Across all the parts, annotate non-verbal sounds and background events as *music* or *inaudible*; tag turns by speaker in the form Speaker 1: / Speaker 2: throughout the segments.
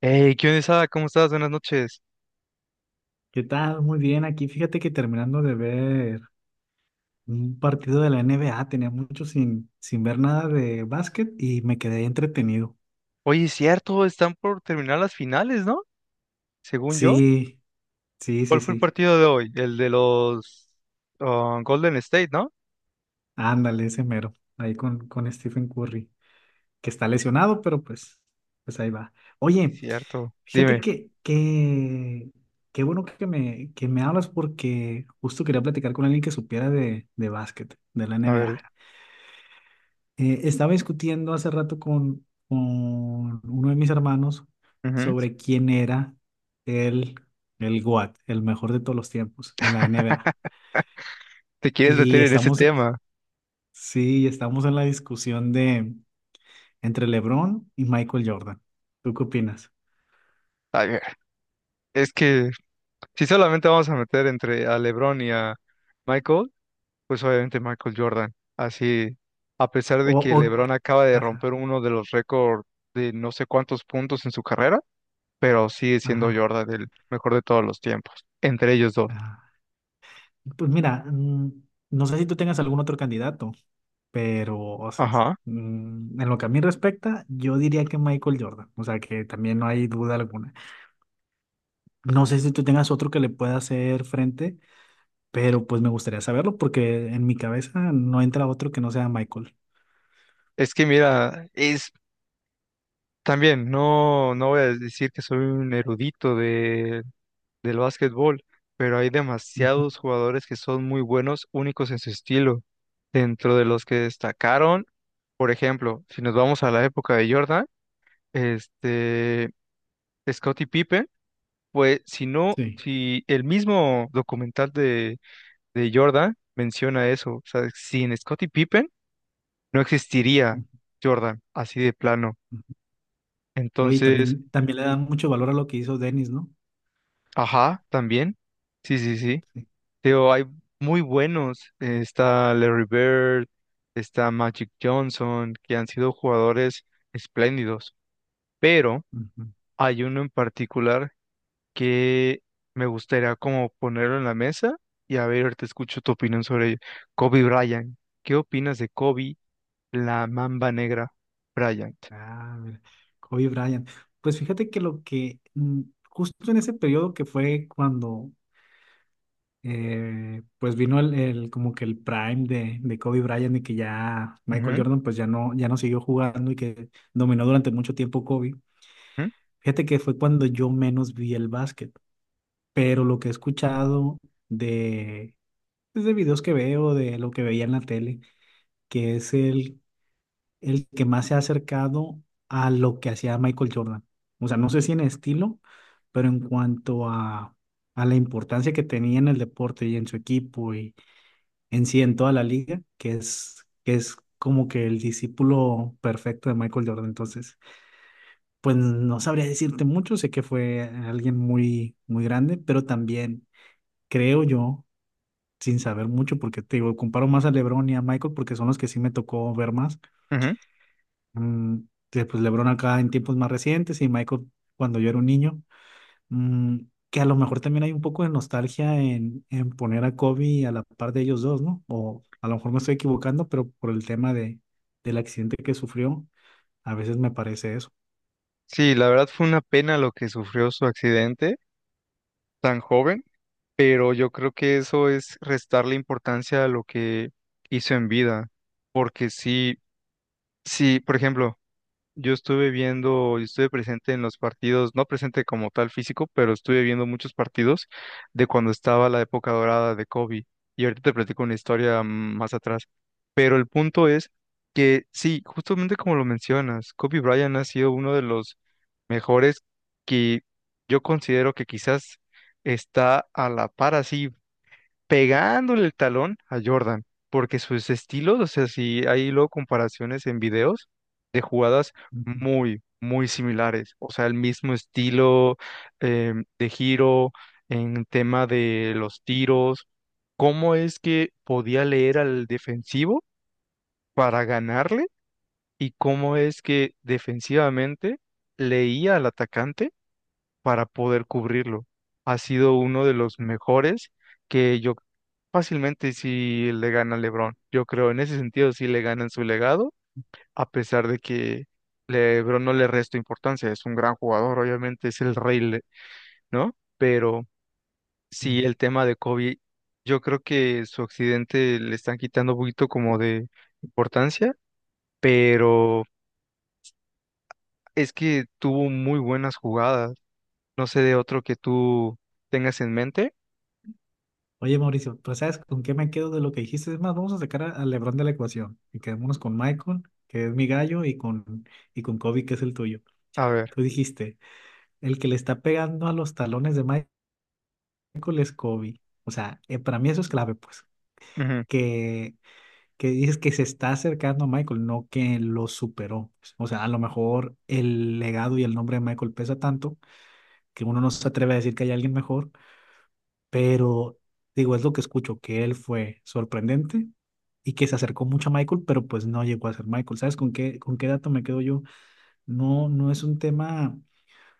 Speaker 1: Hey, ¿qué onda, Isada? ¿Cómo estás? Buenas noches.
Speaker 2: ¿Qué tal? Muy bien, aquí fíjate que terminando de ver un partido de la NBA, tenía mucho sin ver nada de básquet y me quedé entretenido.
Speaker 1: Oye, es cierto, están por terminar las finales, ¿no? Según yo.
Speaker 2: Sí, sí, sí,
Speaker 1: ¿Cuál fue el
Speaker 2: sí.
Speaker 1: partido de hoy? El de los Golden State, ¿no?
Speaker 2: Ándale, ese mero, ahí con Stephen Curry, que está lesionado, pues ahí va.
Speaker 1: Es
Speaker 2: Oye,
Speaker 1: cierto.
Speaker 2: fíjate
Speaker 1: Dime,
Speaker 2: que, que, qué bueno que que me hablas porque justo quería platicar con alguien que supiera de básquet, de la
Speaker 1: a ver,
Speaker 2: NBA. Estaba discutiendo hace rato con uno de mis hermanos
Speaker 1: ujú.
Speaker 2: sobre quién era el, el GOAT, el mejor de todos los tiempos en la NBA.
Speaker 1: ¿Te quieres
Speaker 2: Y
Speaker 1: meter en ese
Speaker 2: estamos,
Speaker 1: tema?
Speaker 2: sí, estamos en la discusión de entre LeBron y Michael Jordan. ¿Tú qué opinas?
Speaker 1: A ver, es que si solamente vamos a meter entre a LeBron y a Michael, pues obviamente Michael Jordan. Así, a pesar
Speaker 2: O,
Speaker 1: de que
Speaker 2: o-
Speaker 1: LeBron acaba de
Speaker 2: ajá,
Speaker 1: romper uno de los récords de no sé cuántos puntos en su carrera, pero sigue siendo
Speaker 2: ajá,
Speaker 1: Jordan el mejor de todos los tiempos, entre ellos dos.
Speaker 2: ajá. Pues mira, no sé si tú tengas algún otro candidato. Pero o sea,
Speaker 1: Ajá.
Speaker 2: en lo que a mí respecta, yo diría que Michael Jordan. O sea, que también no hay duda alguna. No sé si tú tengas otro que le pueda hacer frente, pero pues me gustaría saberlo porque en mi cabeza no entra otro que no sea Michael.
Speaker 1: Es que mira, es también, no voy a decir que soy un erudito de, del básquetbol, pero hay
Speaker 2: Ujú,
Speaker 1: demasiados jugadores que son muy buenos, únicos en su estilo, dentro de los que destacaron. Por ejemplo, si nos vamos a la época de Jordan, este, Scottie Pippen, pues si no,
Speaker 2: sí,
Speaker 1: si el mismo documental de Jordan menciona eso, o sea, sin Scottie Pippen, no existiría
Speaker 2: ujú,
Speaker 1: Jordan, así de plano.
Speaker 2: ujú. Oye,
Speaker 1: Entonces,
Speaker 2: también, también le dan mucho valor a lo que hizo Dennis, ¿no?
Speaker 1: ajá, también. Sí, sí, sí.
Speaker 2: Sí,
Speaker 1: Pero hay muy buenos. Está Larry Bird, está Magic Johnson, que han sido jugadores espléndidos. Pero
Speaker 2: ujú.
Speaker 1: hay uno en particular que me gustaría como ponerlo en la mesa y a ver, te escucho tu opinión sobre ello. Kobe Bryant. ¿Qué opinas de Kobe, la mamba negra Bryant?
Speaker 2: Ah, mira. Kobe Bryant. Pues fíjate que lo que justo en ese periodo que fue cuando pues vino como que el prime de Kobe Bryant y que ya Michael
Speaker 1: Ujú,
Speaker 2: Jordan pues ya no, ya no siguió jugando y que dominó durante mucho tiempo Kobe.
Speaker 1: ujú,
Speaker 2: Fíjate que fue cuando yo menos vi el básquet, pero lo que he escuchado de, pues, de videos que veo, de lo que veía en la tele, que es el que más se ha acercado a lo que hacía Michael Jordan. O sea, no sé si en estilo, pero en cuanto a la importancia que tenía en el deporte y en su equipo en sí en toda la liga, que es como que el discípulo perfecto de Michael Jordan. Entonces, pues no sabría decirte mucho, sé que fue alguien muy, muy grande, pero también creo yo, sin saber mucho, porque te digo, comparo más a LeBron y a Michael porque son los que sí me tocó ver más.
Speaker 1: ujú.
Speaker 2: Mm, que, pues LeBron acá en tiempos más recientes y Michael cuando yo era un niño. Mm, que a lo mejor también hay un poco de nostalgia en poner a Kobe a la par de ellos dos, ¿no? A lo mejor me estoy equivocando, pero por el tema del accidente que sufrió, a veces me parece eso.
Speaker 1: Sí, la verdad fue una pena lo que sufrió su accidente tan joven, pero yo creo que eso es restarle importancia a lo que hizo en vida, porque sí, sí, por ejemplo, yo estuve viendo, yo estuve presente en los partidos, no presente como tal físico, pero estuve viendo muchos partidos de cuando estaba la época dorada de Kobe. Y ahorita te platico una historia más atrás. Pero el punto es que sí, justamente como lo mencionas, Kobe Bryant ha sido uno de los mejores que yo considero que quizás está a la par así pegándole el talón a Jordan, porque sus estilos, o sea, si hay luego comparaciones en videos de jugadas
Speaker 2: Ujú,
Speaker 1: muy, muy similares, o sea, el mismo estilo de giro, en tema de los tiros, cómo es que podía leer al defensivo para ganarle y cómo es que defensivamente leía al atacante para poder cubrirlo. Ha sido uno de los mejores que yo fácilmente sí le gana a LeBron. Yo creo en ese sentido sí le ganan su legado, a pesar de que LeBron no le resta importancia. Es un gran jugador, obviamente es el rey, le- ¿no? Pero sí
Speaker 2: sí.
Speaker 1: el tema de Kobe, yo creo que su accidente le están quitando un poquito como de importancia, pero es que tuvo muy buenas jugadas. No sé de otro que tú tengas en mente.
Speaker 2: Oye, Mauricio, pues ¿sabes con qué me quedo de lo que dijiste? Es más, vamos a sacar a LeBron de la ecuación y quedémonos con Michael, que es mi gallo, y con Kobe, que es el tuyo.
Speaker 1: A ver.
Speaker 2: Tú dijiste, el que le está pegando a los talones de Michael es Kobe. O sea, para mí eso es clave, pues.
Speaker 1: Ujú,
Speaker 2: Que, que dices que se está acercando a Michael, no que lo superó. O sea, a lo mejor el legado y el nombre de Michael pesa tanto que uno no se atreve a decir que hay alguien mejor, pero digo, es lo que escucho, que él fue sorprendente y que se acercó mucho a Michael, pero pues no llegó a ser Michael. ¿Sabes con qué dato me quedo yo? No, no es un tema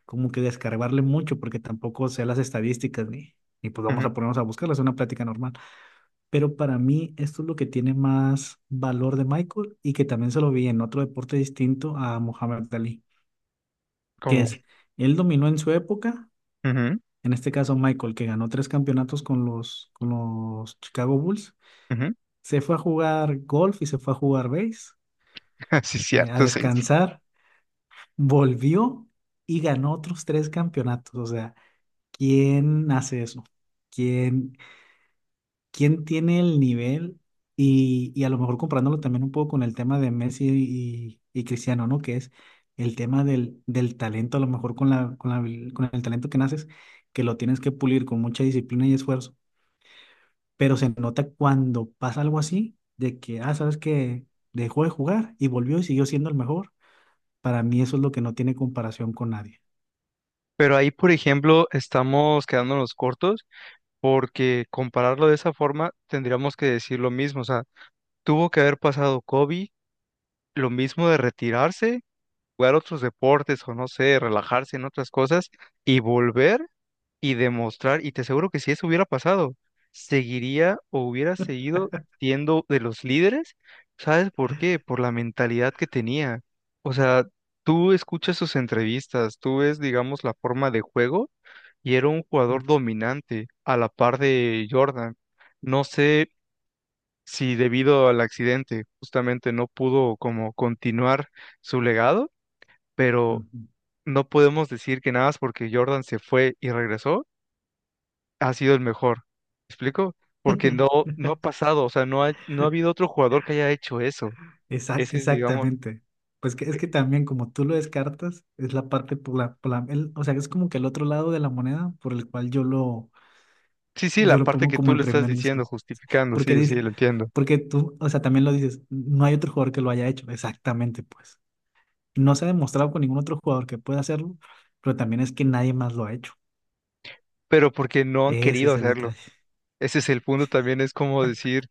Speaker 2: como que descargarle mucho, porque tampoco sé las estadísticas ni pues vamos
Speaker 1: ujú,
Speaker 2: a ponernos a buscarlas, es una plática normal. Pero para mí esto es lo que tiene más valor de Michael y que también se lo vi en otro deporte distinto a Muhammad Ali, que
Speaker 1: como,
Speaker 2: es, él dominó en su época,
Speaker 1: ujú,
Speaker 2: en este caso Michael, que ganó tres campeonatos con con los Chicago Bulls,
Speaker 1: ujú.
Speaker 2: se fue a jugar golf y se fue a jugar base,
Speaker 1: *laughs* Sí,
Speaker 2: a
Speaker 1: cierto, sí.
Speaker 2: descansar, volvió y ganó otros tres campeonatos. O sea, ¿quién hace eso? ¿Quién, quién tiene el nivel? Y a lo mejor comparándolo también un poco con el tema de Messi y Cristiano, ¿no? Que es el tema del talento, a lo mejor con con el talento que naces, que lo tienes que pulir con mucha disciplina y esfuerzo pero se nota cuando pasa algo así, de que, ah, sabes que dejó de jugar y volvió y siguió siendo el mejor. Para mí eso es lo que no tiene comparación con nadie.
Speaker 1: Pero ahí, por ejemplo, estamos quedándonos cortos porque compararlo de esa forma tendríamos que decir lo mismo. O sea, tuvo que haber pasado Kobe, lo mismo de retirarse, jugar otros deportes o no sé, relajarse en otras cosas y volver y demostrar, y te aseguro que si eso hubiera pasado, seguiría o hubiera seguido siendo de los líderes, ¿sabes por qué? Por la mentalidad que tenía. O sea, tú escuchas sus entrevistas, tú ves, digamos, la forma de juego y era un jugador dominante a la par de Jordan. No sé si debido al accidente justamente no pudo como continuar su legado, pero
Speaker 2: Ujú.
Speaker 1: no podemos decir que nada más porque Jordan se fue y regresó ha sido el mejor. ¿Me explico? Porque no,
Speaker 2: *laughs*
Speaker 1: no ha pasado, o sea, no ha habido otro jugador que haya hecho eso. Ese es, digamos,
Speaker 2: Exactamente. Pues que, es que también como tú lo descartas, es la parte por o sea, es como que el otro lado de la moneda por el cual
Speaker 1: sí, sí, la
Speaker 2: yo lo
Speaker 1: parte
Speaker 2: pongo
Speaker 1: que
Speaker 2: como
Speaker 1: tú
Speaker 2: el
Speaker 1: le estás
Speaker 2: primer disco.
Speaker 1: diciendo, justificando,
Speaker 2: Porque
Speaker 1: sí, sí,
Speaker 2: dice,
Speaker 1: lo entiendo.
Speaker 2: porque tú, o sea, también lo dices, no hay otro jugador que lo haya hecho. Exactamente, pues. No se ha demostrado con ningún otro jugador que pueda hacerlo, pero también es que nadie más lo ha hecho.
Speaker 1: Pero porque no han
Speaker 2: Ese
Speaker 1: querido
Speaker 2: es el
Speaker 1: hacerlo.
Speaker 2: detalle.
Speaker 1: Ese es el punto también, es como decir,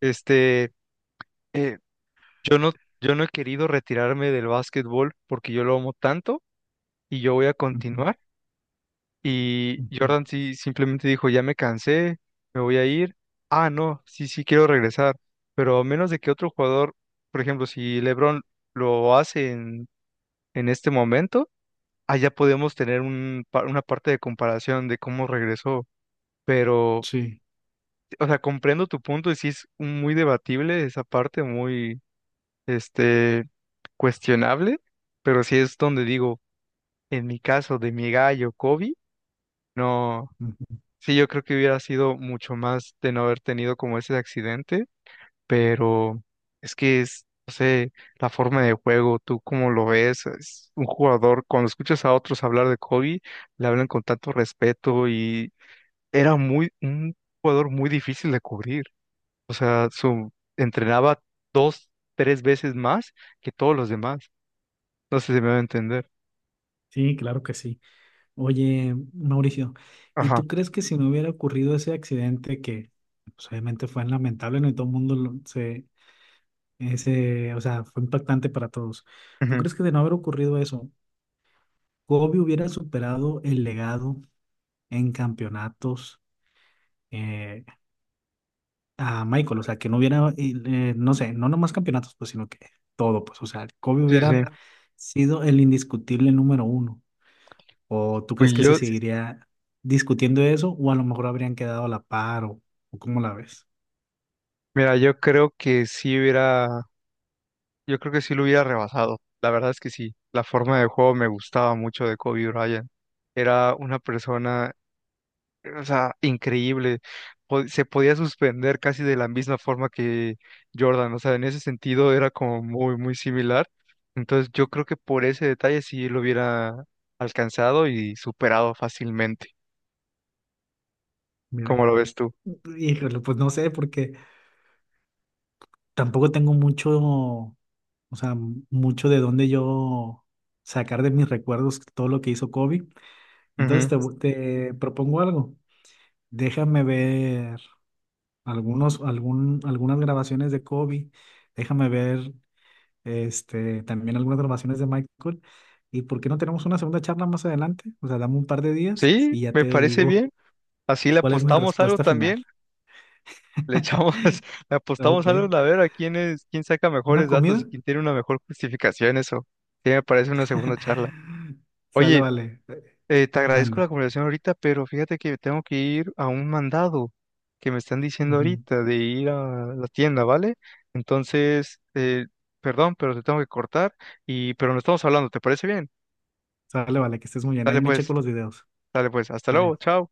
Speaker 1: este, eh, yo no, yo no he querido retirarme del básquetbol porque yo lo amo tanto y yo voy a
Speaker 2: Ujú,
Speaker 1: continuar. Y
Speaker 2: ujú.
Speaker 1: Jordan sí simplemente dijo, ya me cansé, me voy a ir. Ah, no, sí, sí quiero regresar. Pero a menos de que otro jugador, por ejemplo, si LeBron lo hace en este momento, allá podemos tener un, pa- una parte de comparación de cómo regresó. Pero,
Speaker 2: Sí,
Speaker 1: o sea, comprendo tu punto y sí es muy debatible esa parte, muy, este, cuestionable. Pero sí es donde digo, en mi caso de mi gallo Kobe, no.
Speaker 2: ujú.
Speaker 1: Sí, yo creo que hubiera sido mucho más de no haber tenido como ese accidente, pero es que es, no sé, la forma de juego, tú cómo lo ves, es un jugador, cuando escuchas a otros hablar de Kobe, le hablan con tanto respeto y era muy, un jugador muy difícil de cubrir. O sea, su, entrenaba dos, tres veces más que todos los demás. No sé si me va a entender.
Speaker 2: Sí, claro que sí. Oye, Mauricio, ¿y
Speaker 1: Ajá.
Speaker 2: tú crees que si no hubiera ocurrido ese accidente que pues, obviamente fue lamentable, no y todo el mundo o sea, fue impactante para todos? ¿Tú
Speaker 1: Ujú.
Speaker 2: crees que de no haber ocurrido eso, Kobe hubiera superado el legado en campeonatos? eh, a Michael, o sea, que no hubiera, no sé, no nomás campeonatos, pues, sino que todo, pues, o sea, Kobe
Speaker 1: Sí, sí.
Speaker 2: hubiera sido el indiscutible número uno. ¿O tú
Speaker 1: Pues
Speaker 2: crees que se
Speaker 1: yo,
Speaker 2: seguiría discutiendo eso? ¿O a lo mejor habrían quedado a la par? O cómo la ves?
Speaker 1: mira, yo creo que sí hubiera. Yo creo que sí lo hubiera rebasado. La verdad es que sí. La forma de juego me gustaba mucho de Kobe Bryant. Era una persona, o sea, increíble. Po- Se podía suspender casi de la misma forma que Jordan. O sea, en ese sentido era como muy, muy similar. Entonces yo creo que por ese detalle sí lo hubiera alcanzado y superado fácilmente.
Speaker 2: Mira,
Speaker 1: ¿Cómo lo ves tú?
Speaker 2: híjole, pues no sé, porque tampoco tengo mucho, o sea, mucho de dónde yo sacar de mis recuerdos todo lo que hizo Kobe.
Speaker 1: Ujú.
Speaker 2: Te propongo algo. Déjame ver algunas grabaciones de Kobe, déjame ver este, también algunas grabaciones de Michael. ¿Y por qué no tenemos una segunda charla más adelante? O sea, dame un par de días
Speaker 1: Sí,
Speaker 2: y ya
Speaker 1: me
Speaker 2: te
Speaker 1: parece
Speaker 2: digo
Speaker 1: bien. Así le
Speaker 2: cuál es mi
Speaker 1: apostamos algo
Speaker 2: respuesta final.
Speaker 1: también. Le
Speaker 2: *laughs*
Speaker 1: echamos, *laughs* le apostamos
Speaker 2: Ok,
Speaker 1: algo a ver a quién es, quién saca
Speaker 2: ¿una
Speaker 1: mejores datos y
Speaker 2: comida?
Speaker 1: quién tiene una mejor justificación, eso. Sí, me parece una segunda charla.
Speaker 2: *laughs* Sale,
Speaker 1: Oye,
Speaker 2: vale.
Speaker 1: te agradezco la
Speaker 2: Mande.
Speaker 1: conversación ahorita, pero fíjate que tengo que ir a un mandado que me están diciendo
Speaker 2: Ujú.
Speaker 1: ahorita de ir a la tienda, ¿vale? Entonces, perdón, pero te tengo que cortar y, pero no estamos hablando, ¿te parece bien?
Speaker 2: Sale, vale, que estés muy bien. Ahí
Speaker 1: Dale
Speaker 2: me checo
Speaker 1: pues,
Speaker 2: los videos.
Speaker 1: dale pues, hasta
Speaker 2: Sale.
Speaker 1: luego, chao.